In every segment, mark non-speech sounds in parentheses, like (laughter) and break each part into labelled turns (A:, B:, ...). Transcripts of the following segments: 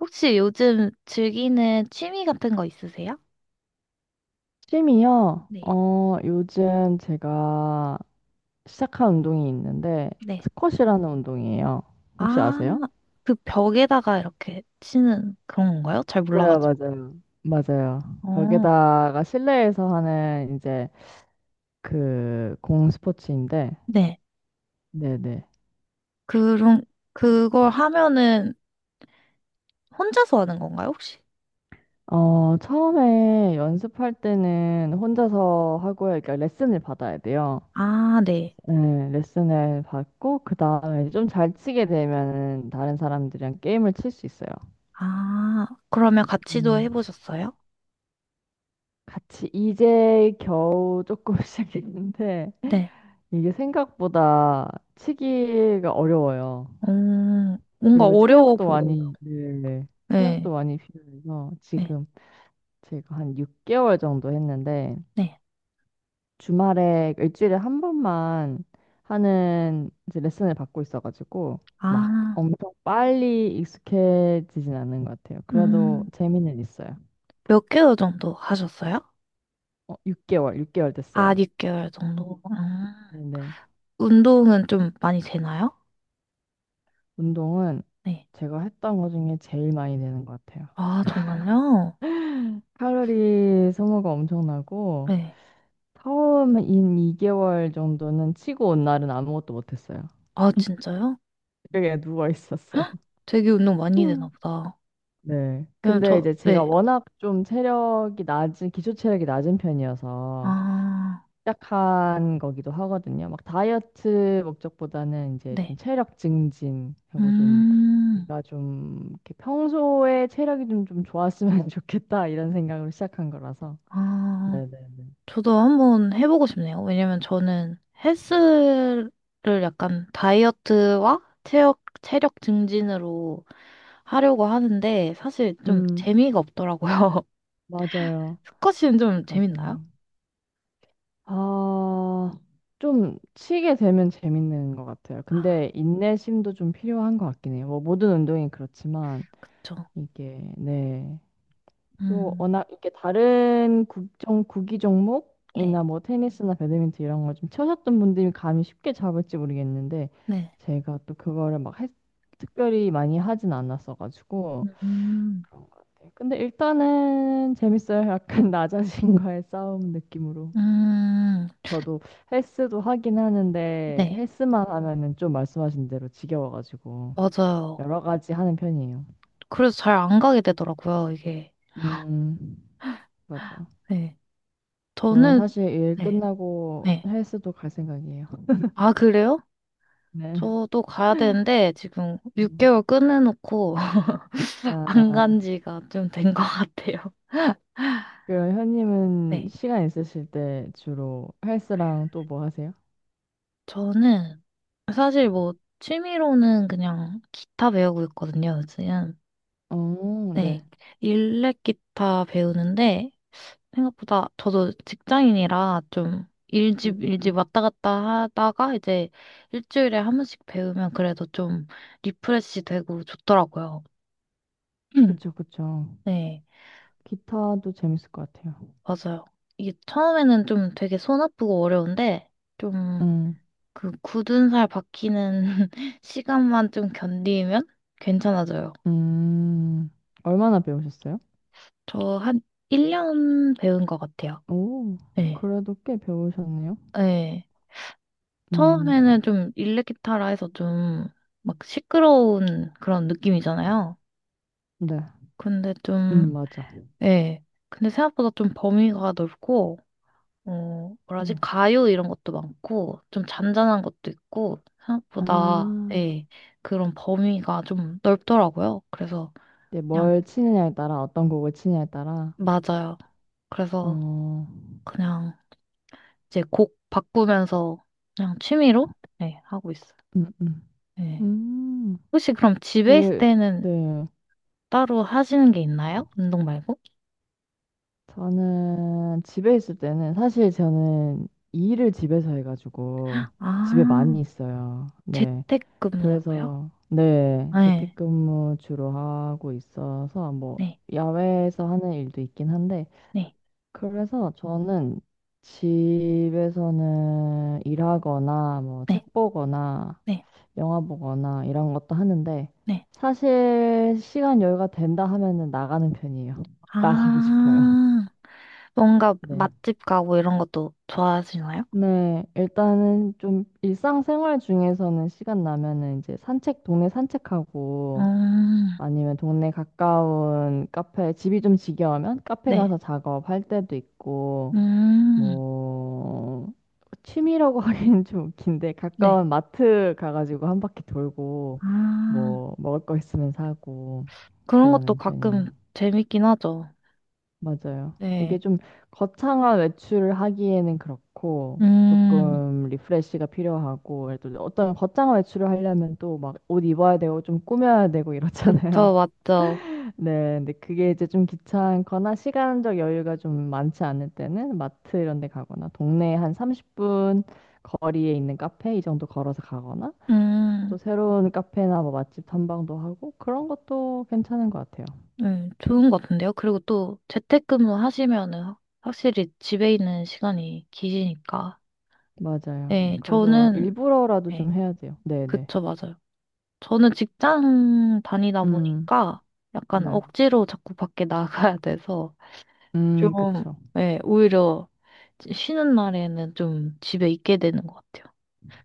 A: 혹시 요즘 즐기는 취미 같은 거 있으세요?
B: 취미요?
A: 네.
B: 요즘 제가 시작한 운동이 있는데,
A: 네.
B: 스쿼시라는 운동이에요. 혹시
A: 아,
B: 아세요?
A: 그 벽에다가 이렇게 치는 그런 건가요? 잘 네.
B: 맞아요,
A: 몰라가지고.
B: 맞아요. 맞아요.
A: 어,
B: 거기다가 실내에서 하는 이제 그 공 스포츠인데,
A: 네.
B: 네네.
A: 그런, 그걸 하면은 혼자서 하는 건가요, 혹시?
B: 처음에 연습할 때는
A: 네.
B: 혼자서 하고요. 그러니까 레슨을 받아야 돼요.
A: 아, 네.
B: 네, 레슨을 받고, 그 다음에 좀 잘 치게 되면 다른 사람들이랑 게임을 칠 수 있어요.
A: 아, 그러면 같이도
B: 음.
A: 해보셨어요?
B: 같이 이제 겨우 조금 (laughs) 시작했는데
A: 네.
B: 이게 생각보다 치기가 어려워요.
A: 뭔가
B: 그리고
A: 어려워
B: 체력도
A: 보여요.
B: 많이, 네, 체력도
A: 네.
B: 많이 필요해서
A: 네.
B: 지금 제가 한 6개월 정도 했는데
A: 네.
B: 주말에 일주일에 한 번만 하는 이제 레슨을 받고 있어가지고 막
A: 아,
B: 엄청 빨리 익숙해지진 않는 것 같아요.
A: 음,
B: 그래도
A: 음,
B: 재미는 있어요.
A: 몇 개월 정도 하셨어요?
B: 6개월, 6개월
A: 아,
B: 됐어요.
A: 6개월 정도. 음.
B: 네네.
A: 운동은 좀 많이 되나요?
B: 운동은
A: 네.
B: 제가 했던 것 중에 제일 많이 되는 것 같아요.
A: 아, 네. 정말요?
B: 칼로리 소모가 엄청나고
A: 네.
B: 처음 인 2개월 정도는 치고 온 날은 아무것도 못했어요.
A: 아,
B: (laughs)
A: 진짜요?
B: 그냥 누워 있었어요.
A: 헉, 되게 운동
B: (laughs)
A: 많이 되나
B: 음.
A: 보다.
B: 네.
A: 왜냐면
B: 근데
A: 저,
B: 이제 제가
A: 네.
B: 워낙 좀 체력이 낮은, 기초 체력이 낮은 편이어서
A: 아,
B: 시작한 거기도 하거든요. 막 다이어트 목적보다는 이제
A: 네.
B: 좀 체력 증진 하고 좀
A: 음,
B: 내가 좀 이렇게 평소에 체력이 좀 좋았으면 (laughs) 좋겠다 이런 생각으로 시작한 거라서.
A: 아,
B: 네네네.
A: 저도 한번 해보고 싶네요. 왜냐면 저는 헬스를 약간 다이어트와 체력 증진으로 하려고 하는데 사실 좀
B: 음,
A: 재미가 없더라고요.
B: 맞아요.
A: (laughs) 스쿼시는 좀 재밌나요?
B: 맞아요. 아, 좀 치게 되면 재밌는 것 같아요.
A: 아,
B: 근데 인내심도 좀 필요한 것 같긴 해요. 뭐 모든 운동이 그렇지만
A: 그쵸.
B: 이게, 네. 그
A: 음,
B: 워낙 이렇게 다른 국정 구기
A: 네.
B: 종목이나 뭐 테니스나 배드민턴 이런 걸 좀 쳐셨던 분들이 감이 쉽게 잡을지 모르겠는데
A: 네.
B: 제가 또 그거를 막 특별히 많이 하진 않았어가지고
A: 음,
B: 그런 것 같아요. 근데 일단은 재밌어요. (laughs) 약간 나 자신과의 싸움 느낌으로.
A: 음,
B: 저도 헬스도 하긴 하는데
A: 네,
B: 헬스만 하면은 좀 말씀하신 대로 지겨워가지고
A: 맞아요.
B: 여러 가지 하는 편이에요.
A: 그래서 잘 안 가게 되더라고요, 이게.
B: 음, 맞아요.
A: 네.
B: 저는
A: 저는,
B: 사실 일
A: 네,
B: 끝나고
A: 네.
B: 헬스도 갈 생각이에요. (laughs)
A: 아, 그래요?
B: 네.
A: 저도 가야 되는데, 지금
B: 음.
A: 6개월 끊어놓고 (laughs) 안
B: 아,
A: 간 지가 좀 된 것 같아요.
B: 그럼 현님은
A: 네.
B: 시간 있으실 때 주로 헬스랑 또 뭐 하세요?
A: 저는 사실 뭐, 취미로는 그냥 기타 배우고 있거든요, 요즘.
B: 어, 네.
A: 네. 일렉 기타 배우는데, 생각보다 저도 직장인이라 좀
B: 음,
A: 일집 왔다 갔다 하다가 이제 일주일에 한 번씩 배우면 그래도 좀 리프레시 되고 좋더라고요. (clears throat)
B: 그쵸, 그쵸.
A: 네,
B: 기타도 재밌을 것 같아요.
A: 맞아요. 이게 처음에는 좀 되게 손 아프고 어려운데 좀
B: 음,
A: 그 굳은 살 박히는 (laughs) 시간만 좀 견디면 괜찮아져요.
B: 음, 얼마나 배우셨어요?
A: 저 한 1년 배운 것 같아요.
B: 오,
A: 네.
B: 그래도 꽤 배우셨네요.
A: 네. 처음에는
B: 음,
A: 좀 일렉기타라 해서 좀 막 시끄러운 그런 느낌이잖아요.
B: 네.
A: 근데 좀,
B: 맞아.
A: 예. 근데 생각보다 좀 범위가 넓고, 어, 뭐라지?
B: 네.
A: 가요 이런 것도 많고, 좀 잔잔한 것도 있고,
B: 아,
A: 생각보다, 예. 그런 범위가 좀 넓더라고요. 그래서
B: 네,
A: 그냥,
B: 뭘 치느냐에 따라, 어떤 곡을 치느냐에 따라.
A: 맞아요. 그래서
B: 어,
A: 그냥 이제 곡 바꾸면서 그냥 취미로, 예, 하고 있어요.
B: 음, 음.
A: 예.
B: 음,
A: 혹시 그럼 집에 있을
B: 되게,
A: 때는
B: 네.
A: 따로 하시는 게 있나요? 운동 말고?
B: 저는 집에 있을 때는, 사실 저는 일을 집에서 해가지고 집에
A: 아,
B: 많이 있어요. 네.
A: 재택근무로요?
B: 그래서, 네.
A: 네,
B: 재택근무 주로 하고 있어서 뭐
A: 네,
B: 야외에서 하는 일도 있긴 한데,
A: 네,
B: 그래서 저는 집에서는 일하거나 뭐
A: 네,
B: 책 보거나
A: 네,
B: 영화 보거나 이런 것도 하는데
A: 네.
B: 사실 시간 여유가 된다 하면은 나가는 편이에요. (laughs) 나가고 싶어요.
A: 아, 뭔가
B: 네.
A: 맛집 가고 이런 것도 좋아하시나요?
B: 네, 일단은 좀 일상생활 중에서는 시간 나면은 이제 산책, 동네 산책하고
A: 음,
B: 아니면 동네 가까운 카페, 집이 좀 지겨우면 카페
A: 네,
B: 가서 작업할 때도 있고
A: 음,
B: 뭐 취미라고 (laughs) 하기는 좀 웃긴데
A: 네.
B: 가까운 마트 가가지고 한 바퀴 돌고
A: 아,
B: 뭐 먹을 거 있으면 사고
A: 그런 것도
B: 그러는 편이에요.
A: 가끔 재밌긴 하죠.
B: 맞아요. 이게
A: 네,
B: 좀 거창한 외출을 하기에는 그렇고
A: 음,
B: 조금 리프레시가 필요하고 또 어떤 거창한 외출을 하려면 또 막 옷 입어야 되고 좀 꾸며야 되고 이렇잖아요.
A: 그쵸, 맞죠.
B: 네, 근데 그게 이제 좀 귀찮거나 시간적 여유가 좀 많지 않을 때는 마트 이런 데 가거나 동네 한 30분 거리에 있는 카페 이 정도 걸어서 가거나
A: 음.
B: 또 새로운 카페나 뭐 맛집 탐방도 하고 그런 것도 괜찮은 것 같아요.
A: 네, 좋은 것 같은데요. 그리고 또 재택근무 하시면은 확- 확실히 집에 있는 시간이 기시니까.
B: 맞아요.
A: 네,
B: 그래서
A: 저는,
B: 일부러라도
A: 네,
B: 좀 해야 돼요. 네, 네.
A: 그쵸, 맞아요. 저는 직장 다니다
B: 음,
A: 보니까 약간
B: 네.
A: 억지로 자꾸 밖에 나가야 돼서 좀,
B: 그쵸.
A: 네, 오히려 쉬는 날에는 좀 집에 있게 되는 것 같아요.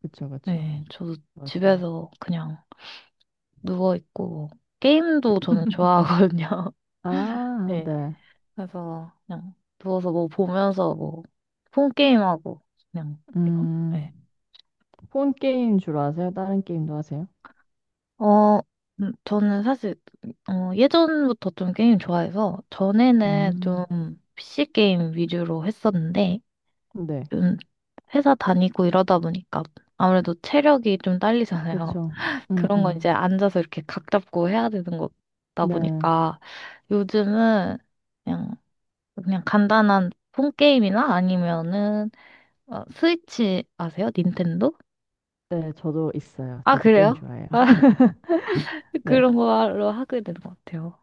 B: 그쵸, 그쵸.
A: 네, 저도
B: 맞아요.
A: 집에서 그냥 누워있고, 뭐 게임도 저는 좋아하거든요. (laughs)
B: 아,
A: 네.
B: 네.
A: 그래서 그냥 누워서 뭐 보면서 뭐 폰게임하고 그냥 이거. 네.
B: 음, 폰 게임 주로 하세요? 다른 게임도 하세요?
A: 어, 저는 사실 예전부터 좀 게임 좋아해서 전에는 좀
B: 음,
A: PC 게임 위주로 했었는데
B: 네.
A: 좀 회사 다니고 이러다 보니까 아무래도 체력이 좀 딸리잖아요.
B: 그쵸.
A: (laughs)
B: 음,
A: 그런 건
B: 음.
A: 이제 앉아서 이렇게 각 잡고 해야 되는 거다
B: 네.
A: 보니까 요즘은 그냥 간단한 폰 게임이나 아니면은 아, 스위치 아세요? 닌텐도?
B: 네, 저도 있어요.
A: 아,
B: 저도 게임
A: 그래요?
B: 좋아해요. (laughs)
A: (laughs)
B: 네.
A: 그런 걸로 하게 되는 것 같아요.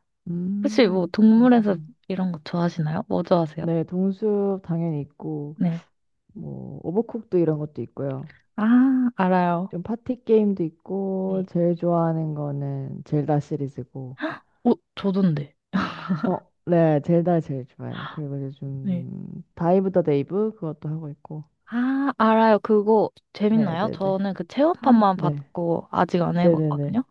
A: 혹시 뭐 동물에서
B: 그러시군.
A: 이런 거 좋아하시나요? 뭐 좋아하세요?
B: 네, 동숲 당연히 있고,
A: 네.
B: 뭐, 오버쿡도 이런 것도 있고요.
A: 아, 알아요.
B: 좀 파티 게임도 있고,
A: 네.
B: 제일 좋아하는 거는 젤다 시리즈고.
A: 어, 저던데.
B: 어, 네, 젤다 제일 좋아요. 그리고
A: 네.
B: 요즘 다이브 더 데이브 그것도 하고 있고.
A: 아, 알아요. 그거
B: 네,
A: 재밌나요?
B: 네, 네.
A: 저는 그
B: 네,
A: 체험판만
B: 네,
A: 봤고 아직 안
B: 네, 네, 네.
A: 해봤거든요.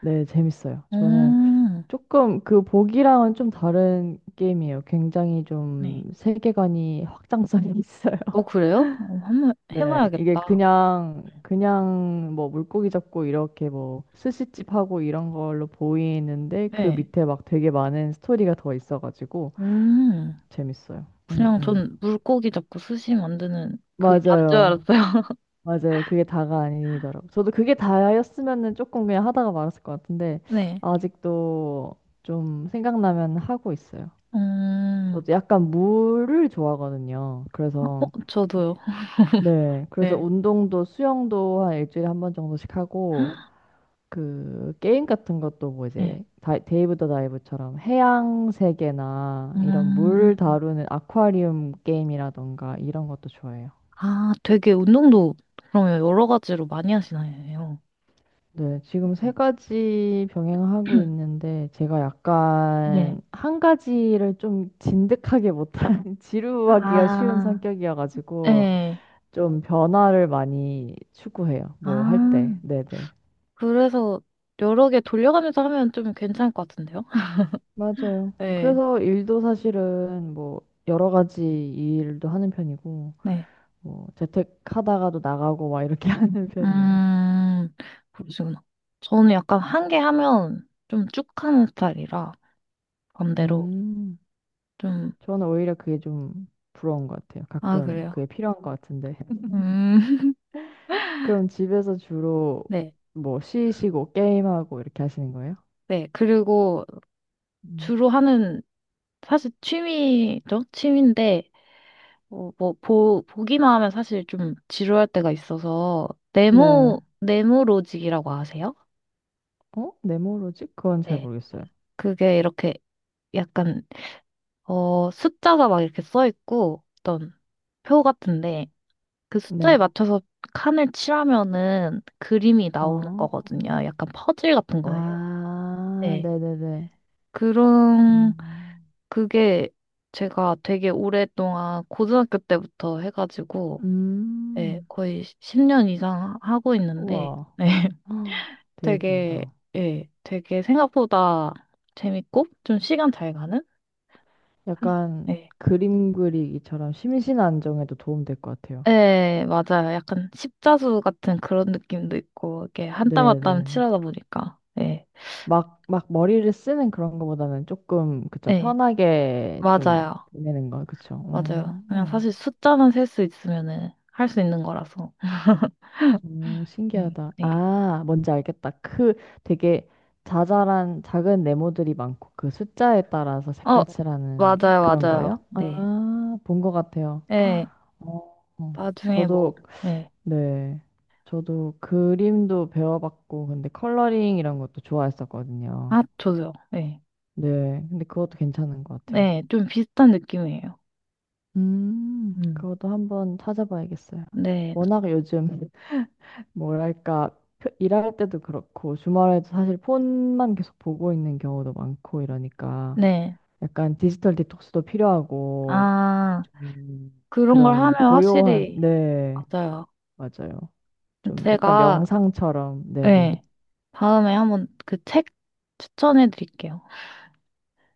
B: 네, 재밌어요. 저는
A: 음,
B: 조금, 그 보기랑은 좀 다른 게임이에요. 굉장히
A: 네.
B: 좀 세계관이 확장성이 (laughs) 있어요.
A: 어, 그래요? 어, 한번
B: 네, 이게
A: 해봐야겠다.
B: 그냥 뭐 물고기 잡고 이렇게 뭐 스시집 하고 이런 걸로 보이는데 그
A: 네.
B: 밑에 막 되게 많은 스토리가 더 있어가지고
A: 음,
B: 재밌어요.
A: 그냥 전 물고기 잡고 스시 만드는 그 단줄
B: 맞아요.
A: 알았어요. (laughs)
B: 맞아요. 그게 다가 아니더라고. 저도 그게 다였으면은 조금 그냥 하다가 말았을 것 같은데
A: 네.
B: 아직도 좀 생각나면 하고 있어요.
A: 음,
B: 저도 약간 물을 좋아하거든요.
A: 어,
B: 그래서,
A: 저도요.
B: 네. 그래서
A: 네.
B: 운동도 수영도 한 일주일에 한 번 정도씩 하고, 그, 게임 같은 것도 뭐
A: 네.
B: 이제, 다, 데이브 더 다이브처럼 해양 세계나 이런
A: 음,
B: 물 다루는 아쿠아리움 게임이라던가 이런 것도 좋아해요.
A: 아, 되게 운동도 그러면 여러 가지로 많이 하시나요?
B: 네. 지금 세
A: 네.
B: 가지 병행하고
A: (clears throat)
B: 있는데, 제가
A: 네.
B: 약간 한 가지를 좀 진득하게 못하는, (laughs) 지루하기가 쉬운
A: 아,
B: 성격이어가지고,
A: 네.
B: 좀 변화를 많이 추구해요. 뭐 할 때.
A: 아,
B: 네네.
A: 그래서 여러 개 돌려가면서 하면 좀 괜찮을 것 같은데요? (laughs)
B: 맞아요.
A: 네.
B: 그래서 일도 사실은 뭐 여러 가지 일도 하는 편이고,
A: 네.
B: 뭐 재택하다가도 나가고 막 이렇게 (laughs) 하는 편이에요.
A: 음, 그러시구나. 저는 약간 한 개 하면 좀 쭉 하는 스타일이라 반대로
B: 음,
A: 좀,
B: 저는 오히려 그게 좀 부러운 것 같아요.
A: 아,
B: 가끔
A: 그래요.
B: 그게 필요한 것 같은데. (laughs)
A: 음, (laughs)
B: 그럼 집에서 주로
A: 네.
B: 뭐 쉬시고 게임하고 이렇게 하시는 거예요?
A: 네. 그리고
B: 음.
A: 주로 하는 사실 취미죠? 취미인데, 어, 뭐, 보기만 하면 사실 좀 지루할 때가 있어서,
B: 네.
A: 네모로직이라고 아세요?
B: 어? 네모로직? 그건 잘
A: 네.
B: 모르겠어요.
A: 그게 이렇게 약간, 어, 숫자가 막 이렇게 써 있고, 어떤 표 같은데, 그 숫자에
B: 네.
A: 맞춰서 칸을 칠하면은 그림이
B: 아.
A: 나오는 거거든요. 약간 퍼즐 같은 거예요.
B: 아,
A: 네.
B: 네네네.
A: 그런,
B: 음,
A: 그게 제가 되게 오랫동안 고등학교 때부터 해가지고, 예,
B: 음,
A: 거의 10년 이상 하고 있는데,
B: 우와.
A: 네, (laughs)
B: (gasps) 헉, 되게
A: 되게,
B: 길다.
A: 예, 되게 생각보다 재밌고, 좀 시간 잘 가는?
B: 약간
A: 예,
B: 그림 그리기처럼 심신 안정에도 도움 될 것 같아요.
A: 예, 맞아요. 약간 십자수 같은 그런 느낌도 있고, 이렇게 한 땀 한 땀
B: 네네네.
A: 칠하다 보니까, 예,
B: 막 머리를 쓰는 그런 거보다는 조금, 그쵸,
A: 예,
B: 편하게 좀
A: 맞아요.
B: 보내는 거, 그쵸.
A: 맞아요. 그냥 사실 숫자만 셀 수 있으면은 할 수 있는 거라서,
B: 오,
A: 네,
B: 신기하다.
A: 네.
B: 아, 뭔지 알겠다. 그 되게 자잘한 작은 네모들이 많고 그 숫자에 따라서
A: 어,
B: 색깔 칠하는
A: 맞아요,
B: 그런
A: 맞아요.
B: 거예요?
A: 네,
B: 아, 본 것 같아요.
A: 예,
B: 어, 어.
A: 나중에 뭐,
B: 저도,
A: 예,
B: 네. 저도 그림도 배워봤고, 근데 컬러링 이런 것도 좋아했었거든요.
A: 아, 저도요. 예.
B: 네. 근데 그것도 괜찮은 것 같아요.
A: 네, 좀 비슷한 느낌이에요. 음.
B: 그것도 한번 찾아봐야겠어요.
A: 네,
B: 워낙 요즘 뭐랄까, 일할 때도 그렇고, 주말에도 사실 폰만 계속 보고 있는 경우도 많고 이러니까,
A: 네.
B: 약간 디지털 디톡스도 필요하고,
A: 아,
B: 좀
A: 그런 걸
B: 그런
A: 하면
B: 고요한,
A: 확실히,
B: 네,
A: 맞아요.
B: 맞아요. 좀 약간
A: 제가,
B: 명상처럼, 네네.
A: 네, 다음에 한번 그 책 추천해 드릴게요.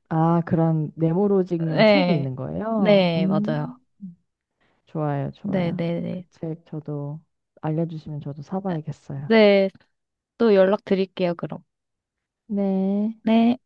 B: 아, 그런 네모로직용 책이
A: 네,
B: 있는 거예요?
A: 네, 맞아요.
B: 좋아요,
A: 네,
B: 좋아요.
A: 네,
B: 그
A: 네.
B: 책 저도 알려주시면 저도 사봐야겠어요.
A: 네, 또 연락 드릴게요, 그럼.
B: 네.
A: 네.